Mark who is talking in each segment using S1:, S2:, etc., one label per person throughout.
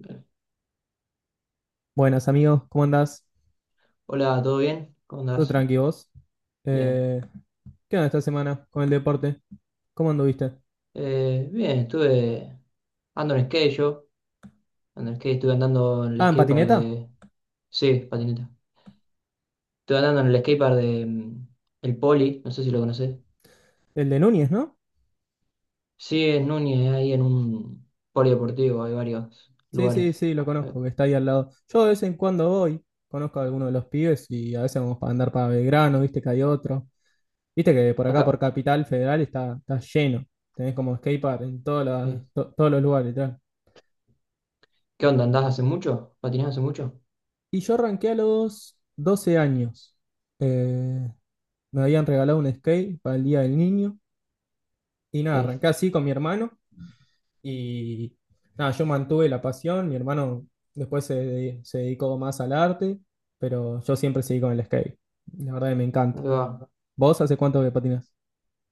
S1: Bien.
S2: Buenas amigos, ¿cómo andás?
S1: Hola, ¿todo bien? ¿Cómo
S2: ¿Todo
S1: andás?
S2: tranqui vos?
S1: Bien.
S2: Eh, ¿Qué onda esta semana con el deporte? ¿Cómo anduviste?
S1: Bien, estuve. Ando en skate yo. Ando en skate, estuve andando en el
S2: Ah, ¿en
S1: skatepark
S2: patineta?
S1: de. Sí, patineta. Estuve andando en el skatepark de. El Poli, no sé si lo conocés.
S2: El de Núñez, ¿no?
S1: Sí, en Núñez, ahí en un polideportivo, hay varios
S2: Sí,
S1: lugares.
S2: sí, sí, lo
S1: Ah,
S2: conozco, que está ahí al lado. Yo de vez en cuando voy, conozco a alguno de los pibes y a veces vamos para andar para Belgrano, viste que hay otro. Viste que por acá, por
S1: acá,
S2: Capital Federal, está lleno. Tenés como skatepark en
S1: sí.
S2: todos los lugares, literal.
S1: ¿Qué onda? ¿Andás hace mucho? ¿Patinás hace mucho?
S2: Y yo arranqué a los 12 años. Eh, Me habían regalado un skate para el Día del Niño. Y nada,
S1: Sí.
S2: arranqué así con mi hermano y nada, yo mantuve la pasión, mi hermano después se dedicó más al arte, pero yo siempre seguí con el skate. La verdad que me
S1: ¿Cómo
S2: encanta.
S1: te va?
S2: ¿Vos hace cuánto que patinás?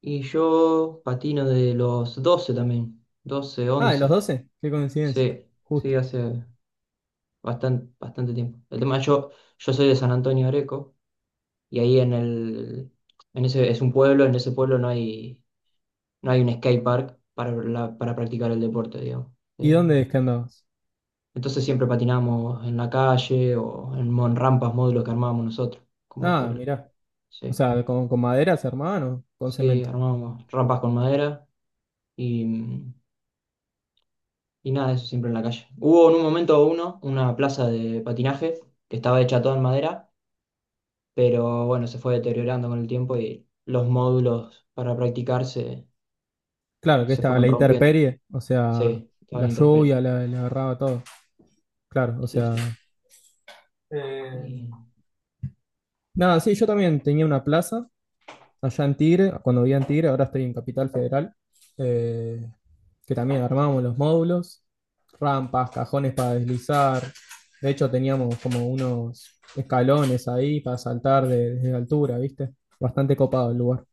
S1: Y yo patino de los 12 también. 12,
S2: Ah, de los
S1: 11.
S2: 12 qué coincidencia,
S1: Sí, sí,
S2: justo.
S1: hace bastante, bastante tiempo. El tema, yo soy de San Antonio de Areco y ahí en ese, es un pueblo, en ese pueblo no hay un skate park para practicar el deporte, digamos.
S2: ¿Y
S1: Eh,
S2: dónde es que andabas?
S1: entonces siempre patinamos en la calle o rampas, módulos que armábamos nosotros. Como que,
S2: Ah, mirá, o
S1: sí,
S2: sea, con maderas, hermano, con
S1: sí,
S2: cemento.
S1: armábamos rampas con madera y, y nada, eso siempre en la calle. Hubo en un momento una plaza de patinaje que estaba hecha toda en madera, pero bueno, se fue deteriorando con el tiempo y los módulos para practicar se,
S2: Claro, que
S1: se
S2: estaba
S1: fueron
S2: la
S1: rompiendo.
S2: intemperie, o sea,
S1: Sí, estaba
S2: la
S1: la intemperie.
S2: lluvia, la agarraba todo. Claro, o
S1: Sí,
S2: sea...
S1: sí.
S2: eh,
S1: Y-
S2: Nada, sí, yo también tenía una plaza allá en Tigre, cuando vivía en Tigre, ahora estoy en Capital Federal, eh, que también armábamos los módulos, rampas, cajones para deslizar. De hecho, teníamos como unos escalones ahí para saltar desde altura, ¿viste? Bastante copado el
S1: sí.
S2: lugar.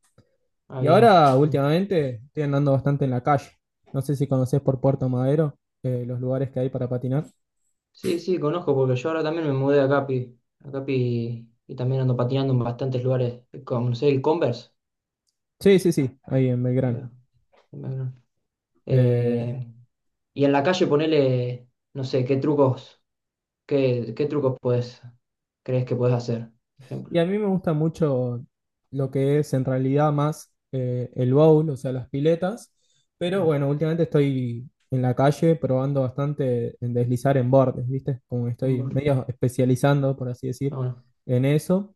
S1: Ah,
S2: Y
S1: bien,
S2: ahora,
S1: muy bueno.
S2: últimamente, estoy andando bastante en la calle. No sé si conocés por Puerto Madero, los lugares que hay para patinar.
S1: Sí, sí, conozco, porque yo ahora también me mudé a Capi, y también ando patinando en bastantes lugares, como no sé, el Converse.
S2: Sí, sí, sí, ahí en Belgrano.
S1: eh, bueno,
S2: Eh,
S1: eh, y en la calle ponele, no sé, qué trucos, qué trucos crees que puedes hacer, por
S2: Y
S1: ejemplo.
S2: a mí me gusta mucho lo que es en realidad más el bowl, o sea, las piletas.
S1: Ahí va.
S2: Pero bueno, últimamente estoy en la calle probando bastante en deslizar en bordes, ¿viste? Como que estoy
S1: Bueno,
S2: medio especializando, por así decir, en eso.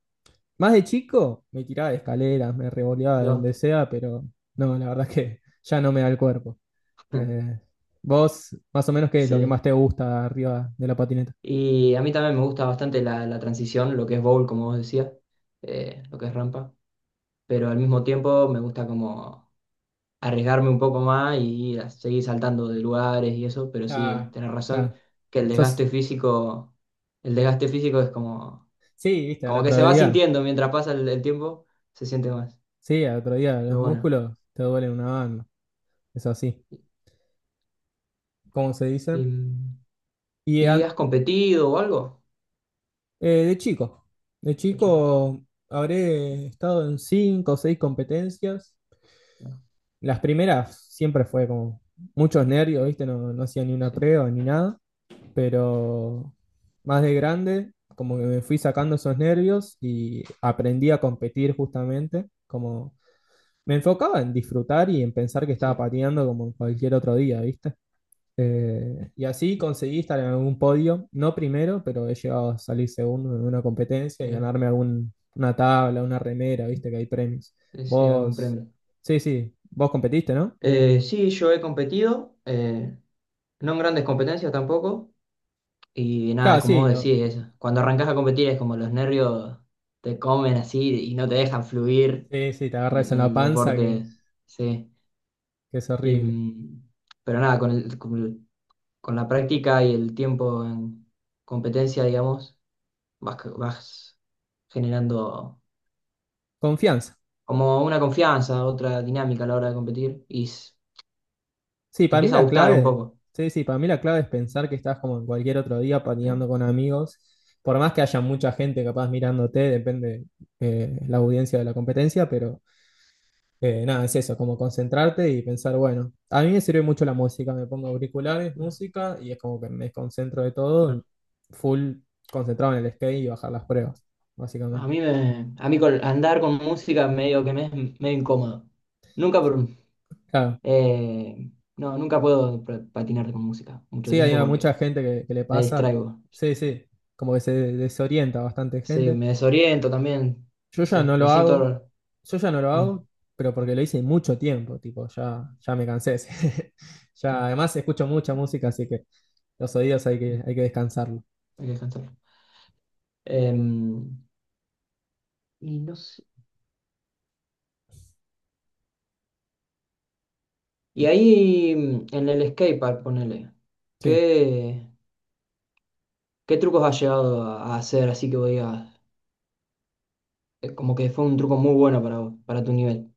S2: Más de chico me tiraba de escaleras, me revoleaba
S1: ahí
S2: de donde
S1: va.
S2: sea, pero no, la verdad es que ya no me da el cuerpo. Eh, vos, más o menos, ¿qué es lo que
S1: Sí.
S2: más te gusta arriba de la patineta?
S1: Y a mí también me gusta bastante la transición, lo que es bowl, como vos decías, lo que es rampa. Pero al mismo tiempo me gusta como arriesgarme un poco más y seguir saltando de lugares y eso. Pero sí,
S2: Ah,
S1: tenés
S2: ah,
S1: razón que
S2: sos-
S1: el desgaste físico es como,
S2: sí, viste, al
S1: como que se
S2: otro
S1: va
S2: día.
S1: sintiendo mientras pasa el tiempo, se siente más.
S2: Sí, al otro día los
S1: Pero bueno.
S2: músculos te duelen una banda. Es así, ¿cómo se
S1: ¿Y,
S2: dicen? Y
S1: y
S2: an-
S1: has competido o algo?
S2: de chico, de
S1: ¿De chico?
S2: chico habré estado en cinco o seis competencias.
S1: No.
S2: Las primeras siempre fue como muchos nervios, ¿viste? No, no hacía ni una
S1: Sí,
S2: prueba ni nada, pero más de grande, como que me fui sacando esos nervios y aprendí a competir justamente, como me enfocaba en disfrutar y en pensar que estaba
S1: sí,
S2: pateando como cualquier otro día, ¿viste? Y así conseguí estar en algún podio, no primero, pero he llegado a salir segundo en una competencia y
S1: mira,
S2: ganarme algún, una tabla, una remera, viste que hay premios.
S1: sí algún
S2: Vos,
S1: premio.
S2: sí, sí, vos competiste, ¿no?
S1: Sí, yo he competido, no en grandes competencias tampoco, y nada,
S2: Claro,
S1: como vos decís, eso. Cuando arrancás a competir es como los nervios te comen así y no te dejan fluir
S2: sí, sí, te
S1: en
S2: agarras
S1: el,
S2: en
S1: en
S2: la
S1: el
S2: panza
S1: deporte, sí.
S2: que es
S1: Y,
S2: horrible.
S1: mm, pero nada, con la práctica y el tiempo en competencia, digamos, vas generando
S2: Confianza.
S1: como una confianza, otra dinámica a la hora de competir y
S2: Sí,
S1: te
S2: para mí
S1: empieza a
S2: la
S1: gustar un
S2: clave,
S1: poco.
S2: sí, sí, para mí la clave es pensar que estás como en cualquier otro día
S1: Sí.
S2: patinando con amigos, por más que haya mucha gente capaz mirándote, depende la audiencia de la competencia, pero nada, es eso, como concentrarte y pensar, bueno, a mí me sirve mucho la música, me pongo auriculares, música y es como que me desconcentro de todo, full concentrado en el skate y bajar las pruebas, básicamente.
S1: A mí con, andar con música medio que me es medio incómodo. Nunca,
S2: Claro,
S1: eh, no, nunca puedo patinar con música mucho
S2: sí, hay
S1: tiempo
S2: mucha
S1: porque
S2: gente que le
S1: me
S2: pasa,
S1: distraigo.
S2: sí, sí, como que se desorienta bastante
S1: Sí,
S2: gente.
S1: me desoriento también.
S2: Yo
S1: No
S2: ya
S1: sé,
S2: no
S1: me
S2: lo hago,
S1: siento.
S2: yo ya no lo
S1: mm,
S2: hago, pero porque lo hice mucho tiempo, tipo, ya, ya me cansé.
S1: sí,
S2: Ya, además escucho mucha música, así que los oídos
S1: mm,
S2: hay que descansarlo.
S1: hay que descansar. Em, y no sé. Y ahí en el skatepark, ponele.
S2: Sí.
S1: ¿Qué, qué trucos has llegado a hacer? Así que voy a. Como que fue un truco muy bueno para, vos, para tu nivel.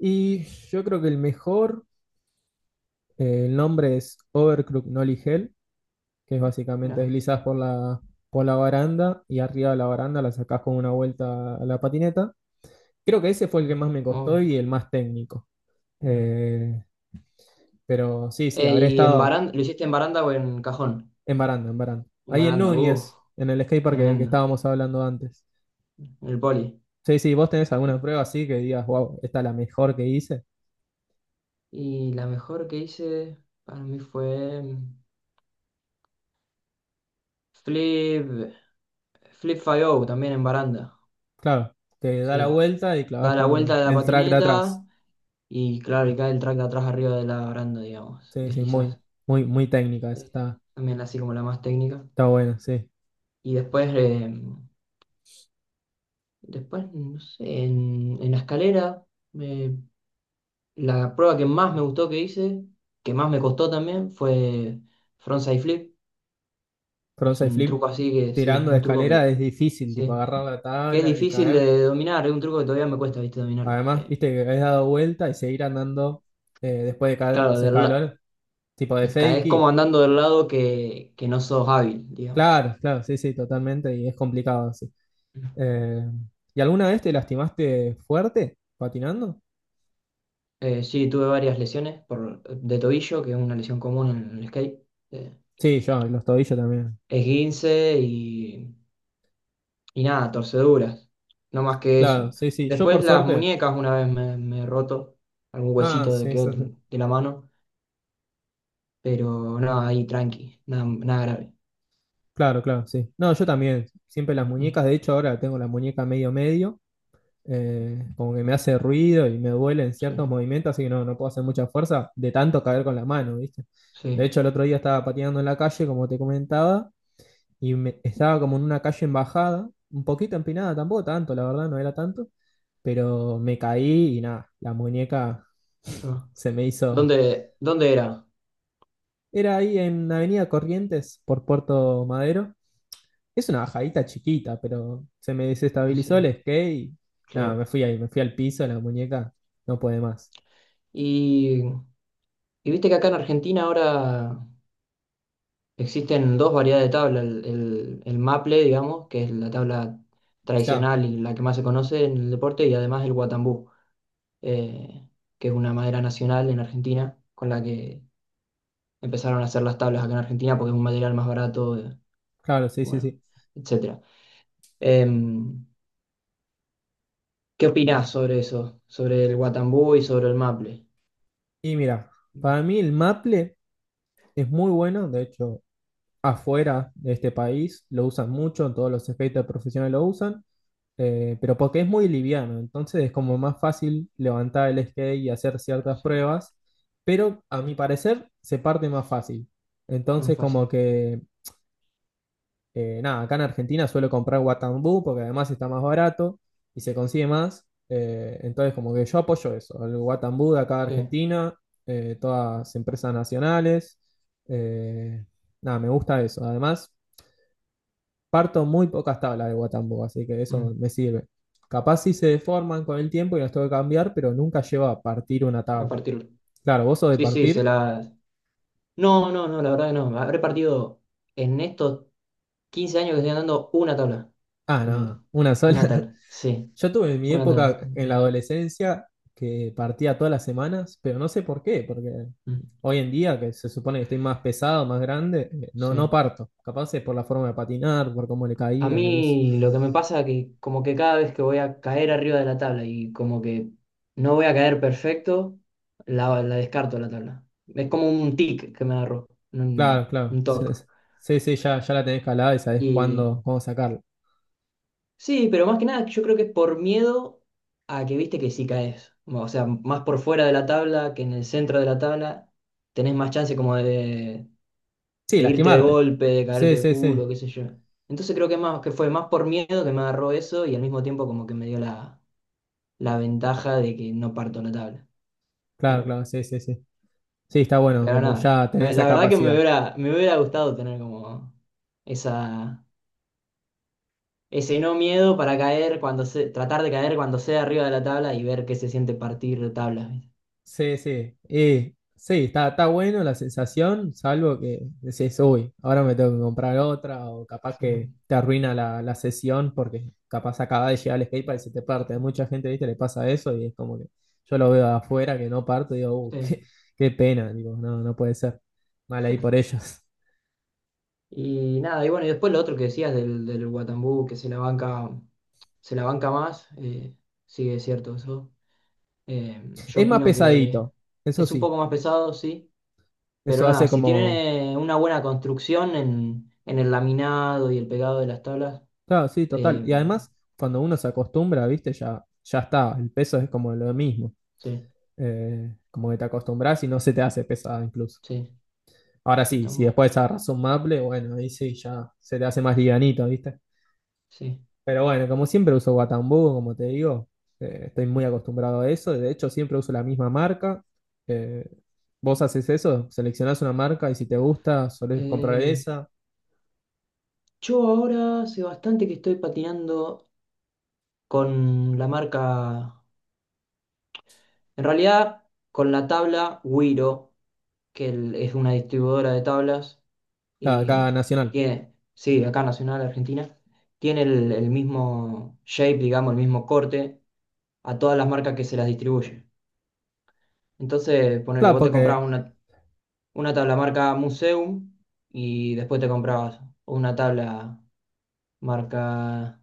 S2: Y yo creo que el mejor, el nombre es Overclock Nolly Hell, que es básicamente
S1: Mirá.
S2: deslizás por por la baranda y arriba de la baranda la sacás con una vuelta a la patineta. Creo que ese fue el que más me
S1: Muy
S2: costó
S1: bueno.
S2: y el más técnico.
S1: No.
S2: Eh, pero sí, sí, habré
S1: ¿Y en
S2: estado
S1: baranda, lo hiciste en baranda o en cajón?
S2: en baranda, en baranda.
S1: En
S2: Ahí en
S1: baranda,
S2: Núñez, en el skatepark que
S1: tremendo.
S2: estábamos hablando antes.
S1: En el poli.
S2: Sí, sí, vos tenés alguna
S1: Ah.
S2: prueba así que digas, wow, esta es la mejor que hice.
S1: Y la mejor que hice para mí fue Flip, Flip 5 también en baranda.
S2: Claro, te da la
S1: Sí.
S2: vuelta y clavas
S1: Da la vuelta
S2: con
S1: de la
S2: el track de atrás.
S1: patineta y claro, y cae el track de atrás arriba de la baranda, digamos.
S2: Sí, sí, muy,
S1: Deslizás.
S2: muy, muy técnica esa,
S1: Eh, También así como la más técnica.
S2: está buena, sí.
S1: Y después, no sé, en, la escalera. Me La prueba que más me gustó que hice, que más me costó también, fue frontside flip. Es
S2: Frontside
S1: un
S2: flip
S1: truco así que, sí,
S2: tirando de
S1: un truco
S2: escalera
S1: que,
S2: es difícil, tipo
S1: sí,
S2: agarrar la
S1: que es
S2: tabla y
S1: difícil
S2: caer.
S1: de dominar, es un truco que todavía me cuesta, viste, dominarlo.
S2: Además, viste que has dado vuelta y seguir andando después de caer
S1: Claro,
S2: unos escalones, tipo de
S1: y caes como
S2: fakey.
S1: andando del lado que no sos hábil, digamos.
S2: Claro, claro, sí, sí, totalmente, y es complicado sí. Eh, ¿Y alguna vez te lastimaste fuerte patinando?
S1: Sí, tuve varias lesiones por, de tobillo, que es una lesión común en el skate. Eh,
S2: Sí, yo, los tobillos también.
S1: Esguince y nada, torceduras, no más que
S2: Claro,
S1: eso.
S2: sí, sí, yo por
S1: Después las
S2: suerte.
S1: muñecas, una vez me he roto algún
S2: Ah,
S1: huesito de
S2: sí,
S1: que
S2: sí,
S1: otro,
S2: sí.
S1: de la mano, pero nada, ahí tranqui, nada, nada grave.
S2: Claro, claro, sí. No, yo también, siempre las
S1: Mm,
S2: muñecas, de hecho ahora tengo la muñeca medio medio, como que me hace ruido y me duele en ciertos
S1: sí,
S2: movimientos, así que no, no puedo hacer mucha fuerza de tanto caer con la mano, ¿viste? De
S1: sí.
S2: hecho el otro día estaba pateando en la calle, como te comentaba, estaba como en una calle en bajada, un poquito empinada, tampoco tanto, la verdad, no era tanto, pero me caí y nada, la muñeca
S1: Claro.
S2: se me hizo...
S1: ¿Dónde era?
S2: Era ahí en Avenida Corrientes por Puerto Madero. Es una bajadita chiquita, pero se me desestabilizó el
S1: Sí,
S2: skate y nada,
S1: claro.
S2: me fui ahí, me fui al piso, la muñeca no puede más.
S1: Y, y viste que acá en Argentina ahora existen dos variedades de tabla, el maple, digamos, que es la tabla
S2: Claro,
S1: tradicional y la que más se conoce en el deporte, y además el guatambú. eh, que es una madera nacional en Argentina, con la que empezaron a hacer las tablas acá en Argentina porque es un material más barato,
S2: claro, sí, sí,
S1: bueno,
S2: sí.
S1: etcétera. Em, ¿Qué opinás sobre eso? Sobre el Guatambú y sobre el maple.
S2: Y mira, para mí el maple es muy bueno, de hecho, afuera de este país lo usan mucho, todos los skaters profesionales lo usan, pero porque es muy liviano, entonces es como más fácil levantar el skate y hacer ciertas
S1: Sí,
S2: pruebas, pero a mi parecer se parte más fácil.
S1: no es
S2: Entonces
S1: fácil.
S2: como que nada, acá en Argentina suelo comprar Guatambú porque además está más barato y se consigue más. Entonces, como que yo apoyo eso, el Guatambú de acá de
S1: Sí,
S2: Argentina, todas empresas nacionales. eh, nada, me gusta eso. Además, parto muy pocas tablas de Guatambú, así que eso
S1: mm,
S2: me sirve. Capaz si se deforman con el tiempo y las tengo que cambiar, pero nunca llevo a partir una
S1: a
S2: tabla.
S1: partir.
S2: Claro, vos sos de
S1: Sí, sí, se
S2: partir.
S1: la. No, no, no, la verdad que no. Habré partido en estos 15 años que estoy andando una tabla.
S2: Ah, no,
S1: Andando.
S2: una sola.
S1: Una tabla, sí,
S2: Yo tuve mi
S1: una tabla.
S2: época en la adolescencia que partía todas las semanas, pero no sé por qué, porque
S1: Mm,
S2: hoy en día, que se supone que estoy más pesado, más grande, no, no
S1: sí.
S2: parto. Capaz es por la forma de patinar, por cómo le
S1: A
S2: caía y eso.
S1: mí lo que me pasa es que como que cada vez que voy a caer arriba de la tabla y como que no voy a caer perfecto, la descarto la tabla. Es como un tic que me agarró, un,
S2: Claro, claro.
S1: un toque.
S2: Sí, sí, sí, ya, ya la tenés calada y sabés
S1: Y
S2: cuándo, cómo sacarla.
S1: sí, pero más que nada yo creo que es por miedo a que viste que si caes. O sea, más por fuera de la tabla que en el centro de la tabla, tenés más chance como de,
S2: Sí,
S1: de irte de
S2: lastimarte.
S1: golpe, de caerte
S2: Sí,
S1: de
S2: sí,
S1: culo,
S2: sí.
S1: qué sé yo. Entonces creo que más que fue más por miedo que me agarró eso y al mismo tiempo como que me dio la ventaja de que no parto la tabla.
S2: Claro,
S1: Pero,
S2: claro, sí, sí, sí. Sí, está bueno,
S1: pero
S2: como
S1: nada,
S2: ya tenés esa
S1: la verdad que me
S2: capacidad.
S1: hubiera, me hubiera gustado tener como esa, ese no miedo para caer cuando se, tratar de caer cuando sea arriba de la tabla y ver qué se siente partir de tablas.
S2: Sí, sí. Y sí, está, está bueno la sensación, salvo que decís, uy, ahora me tengo que comprar otra, o capaz que
S1: ¿Viste?
S2: te arruina la sesión porque capaz acaba de llegar el skatepark y se te parte. A mucha gente, viste, le pasa eso y es como que yo lo veo de afuera que no parto y digo,
S1: Sí.
S2: qué, qué pena, digo, no, no puede ser. Mal ahí por ellos.
S1: Y nada, y bueno, y después lo otro que decías del Guatambú, que se la banca más, sí, es cierto eso. Yo
S2: Es más
S1: opino que
S2: pesadito, eso
S1: es un
S2: sí.
S1: poco más pesado, sí, pero
S2: Eso
S1: nada,
S2: hace
S1: si
S2: como.
S1: tiene una buena construcción en, el laminado y el pegado de las tablas,
S2: Claro, sí, total.
S1: eh,
S2: Y además, cuando uno se acostumbra, viste, ya, ya está. El peso es como lo mismo.
S1: sí,
S2: Como que te acostumbras y no se te hace pesada incluso.
S1: sí,
S2: Ahora
S1: sí,
S2: sí,
S1: está
S2: si
S1: muy, bueno,
S2: después agarras un maple, bueno, ahí sí ya se te hace más livianito, ¿viste?
S1: sí.
S2: Pero bueno, como siempre uso Guatambú, como te digo, estoy muy acostumbrado a eso. De hecho, siempre uso la misma marca. Eh, vos haces eso, seleccionás una marca y si te gusta, solés comprar
S1: Eh,
S2: esa.
S1: yo ahora hace bastante que estoy patinando con la marca, en realidad con la tabla Wiro, que es una distribuidora de tablas
S2: Cada
S1: y, y
S2: nacional.
S1: tiene, sí, acá Nacional Argentina, tiene el mismo shape, digamos, el mismo corte a todas las marcas que se las distribuye. Entonces, ponele,
S2: Claro,
S1: vos te
S2: porque,
S1: comprabas una tabla marca Museum y después te comprabas una tabla marca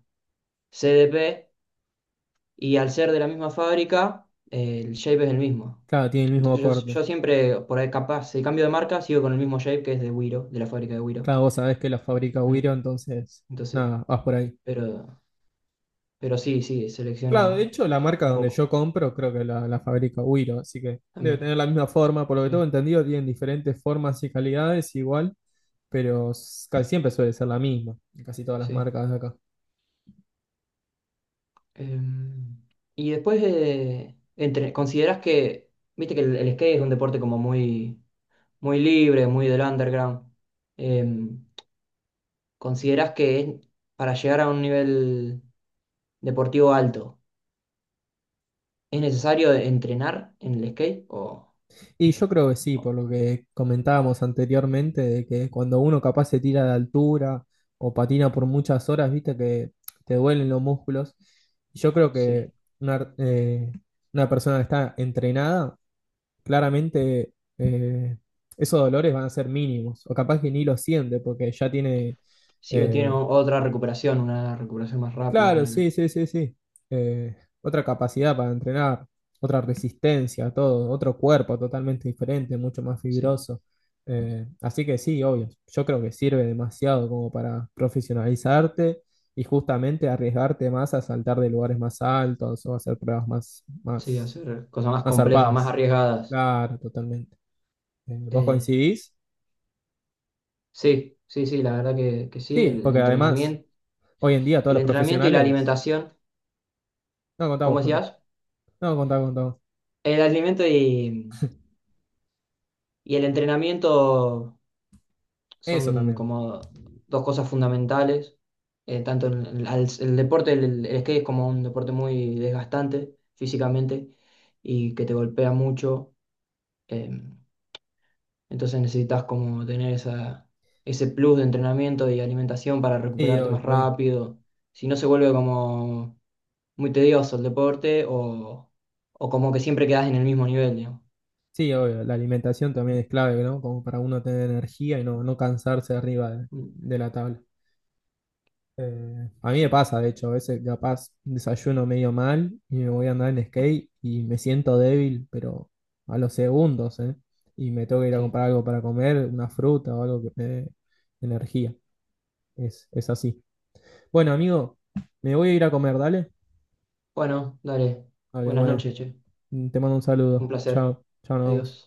S1: CDP y al ser de la misma fábrica, el shape es el mismo.
S2: claro, tiene el mismo
S1: Entonces yo,
S2: corte.
S1: yo siempre, por ahí capaz, si cambio de marca, sigo con el mismo shape que es de Wiro, de la fábrica de Wiro.
S2: Claro, vos sabés que la fabrica
S1: Mm.
S2: Wiro, entonces,
S1: Entonces,
S2: nada, vas por ahí.
S1: pero, pero sí, sí,
S2: Claro, de
S1: selecciono
S2: hecho, la marca
S1: un
S2: donde yo
S1: poco
S2: compro creo que la fabrica Wiro, así que debe
S1: también.
S2: tener la misma forma. Por lo que tengo
S1: Sí,
S2: entendido, tienen diferentes formas y calidades igual, pero casi siempre suele ser la misma, en casi todas las
S1: sí.
S2: marcas de acá.
S1: Em, y después, ¿Consideras que, viste que el skate es un deporte como muy, muy libre, muy del underground? Em, ¿Consideras que para llegar a un nivel deportivo alto, es necesario entrenar en el skate?
S2: Y yo creo que sí,
S1: O-
S2: por lo que comentábamos anteriormente, de que cuando uno capaz se tira de altura o patina por muchas horas, viste que te duelen los músculos. Yo creo que
S1: sí?
S2: una, eh, una persona que está entrenada, claramente eh, esos dolores van a ser mínimos, o capaz que ni lo siente porque ya tiene
S1: Sí, o tiene
S2: eh,
S1: otra recuperación, una recuperación más rápida,
S2: claro, sí,
S1: ponele.
S2: sí, sí, sí. Eh, otra capacidad para entrenar, otra resistencia, todo, otro cuerpo totalmente diferente, mucho más
S1: Sí,
S2: fibroso. Así que sí, obvio, yo creo que sirve demasiado como para profesionalizarte y justamente arriesgarte más a saltar de lugares más altos o a hacer pruebas
S1: sí, hacer cosas más
S2: más
S1: complejas, más
S2: zarpadas.
S1: arriesgadas.
S2: Claro, totalmente. ¿Vos
S1: Eh,
S2: coincidís?
S1: sí, sí, sí, la verdad que sí,
S2: Sí,
S1: el
S2: porque además,
S1: entrenamiento.
S2: hoy en día todos
S1: El
S2: los
S1: entrenamiento y la
S2: profesionales...
S1: alimentación,
S2: No, contá vos,
S1: ¿cómo
S2: contá.
S1: decías?
S2: No, contá, contá vos.
S1: El alimento y el entrenamiento
S2: Eso
S1: son
S2: también.
S1: como dos cosas fundamentales. Tanto deporte, el skate es como un deporte muy desgastante físicamente y que te golpea mucho. em, Entonces necesitas como tener esa, ese plus de entrenamiento y alimentación para
S2: Sí,
S1: recuperarte
S2: obvio,
S1: más
S2: obvio.
S1: rápido. Si no se vuelve como muy tedioso el deporte o como que siempre quedas en el mismo nivel, digamos.
S2: Sí, obvio. La alimentación también
S1: Mm,
S2: es clave, ¿no? Como para uno tener energía y no, no cansarse arriba
S1: mm,
S2: de la tabla. A mí me
S1: sí,
S2: pasa, de hecho, a veces capaz desayuno medio mal y me voy a andar en skate y me siento débil, pero a los segundos, ¿eh? Y me tengo que ir a
S1: sí.
S2: comprar algo para comer, una fruta o algo que me dé energía. Es así. Bueno, amigo, me voy a ir a comer, dale.
S1: Bueno, dale.
S2: Vale,
S1: Buenas
S2: bueno,
S1: noches, che.
S2: te mando un
S1: Un
S2: saludo.
S1: placer.
S2: Chao, chao, nos vemos.
S1: Adiós.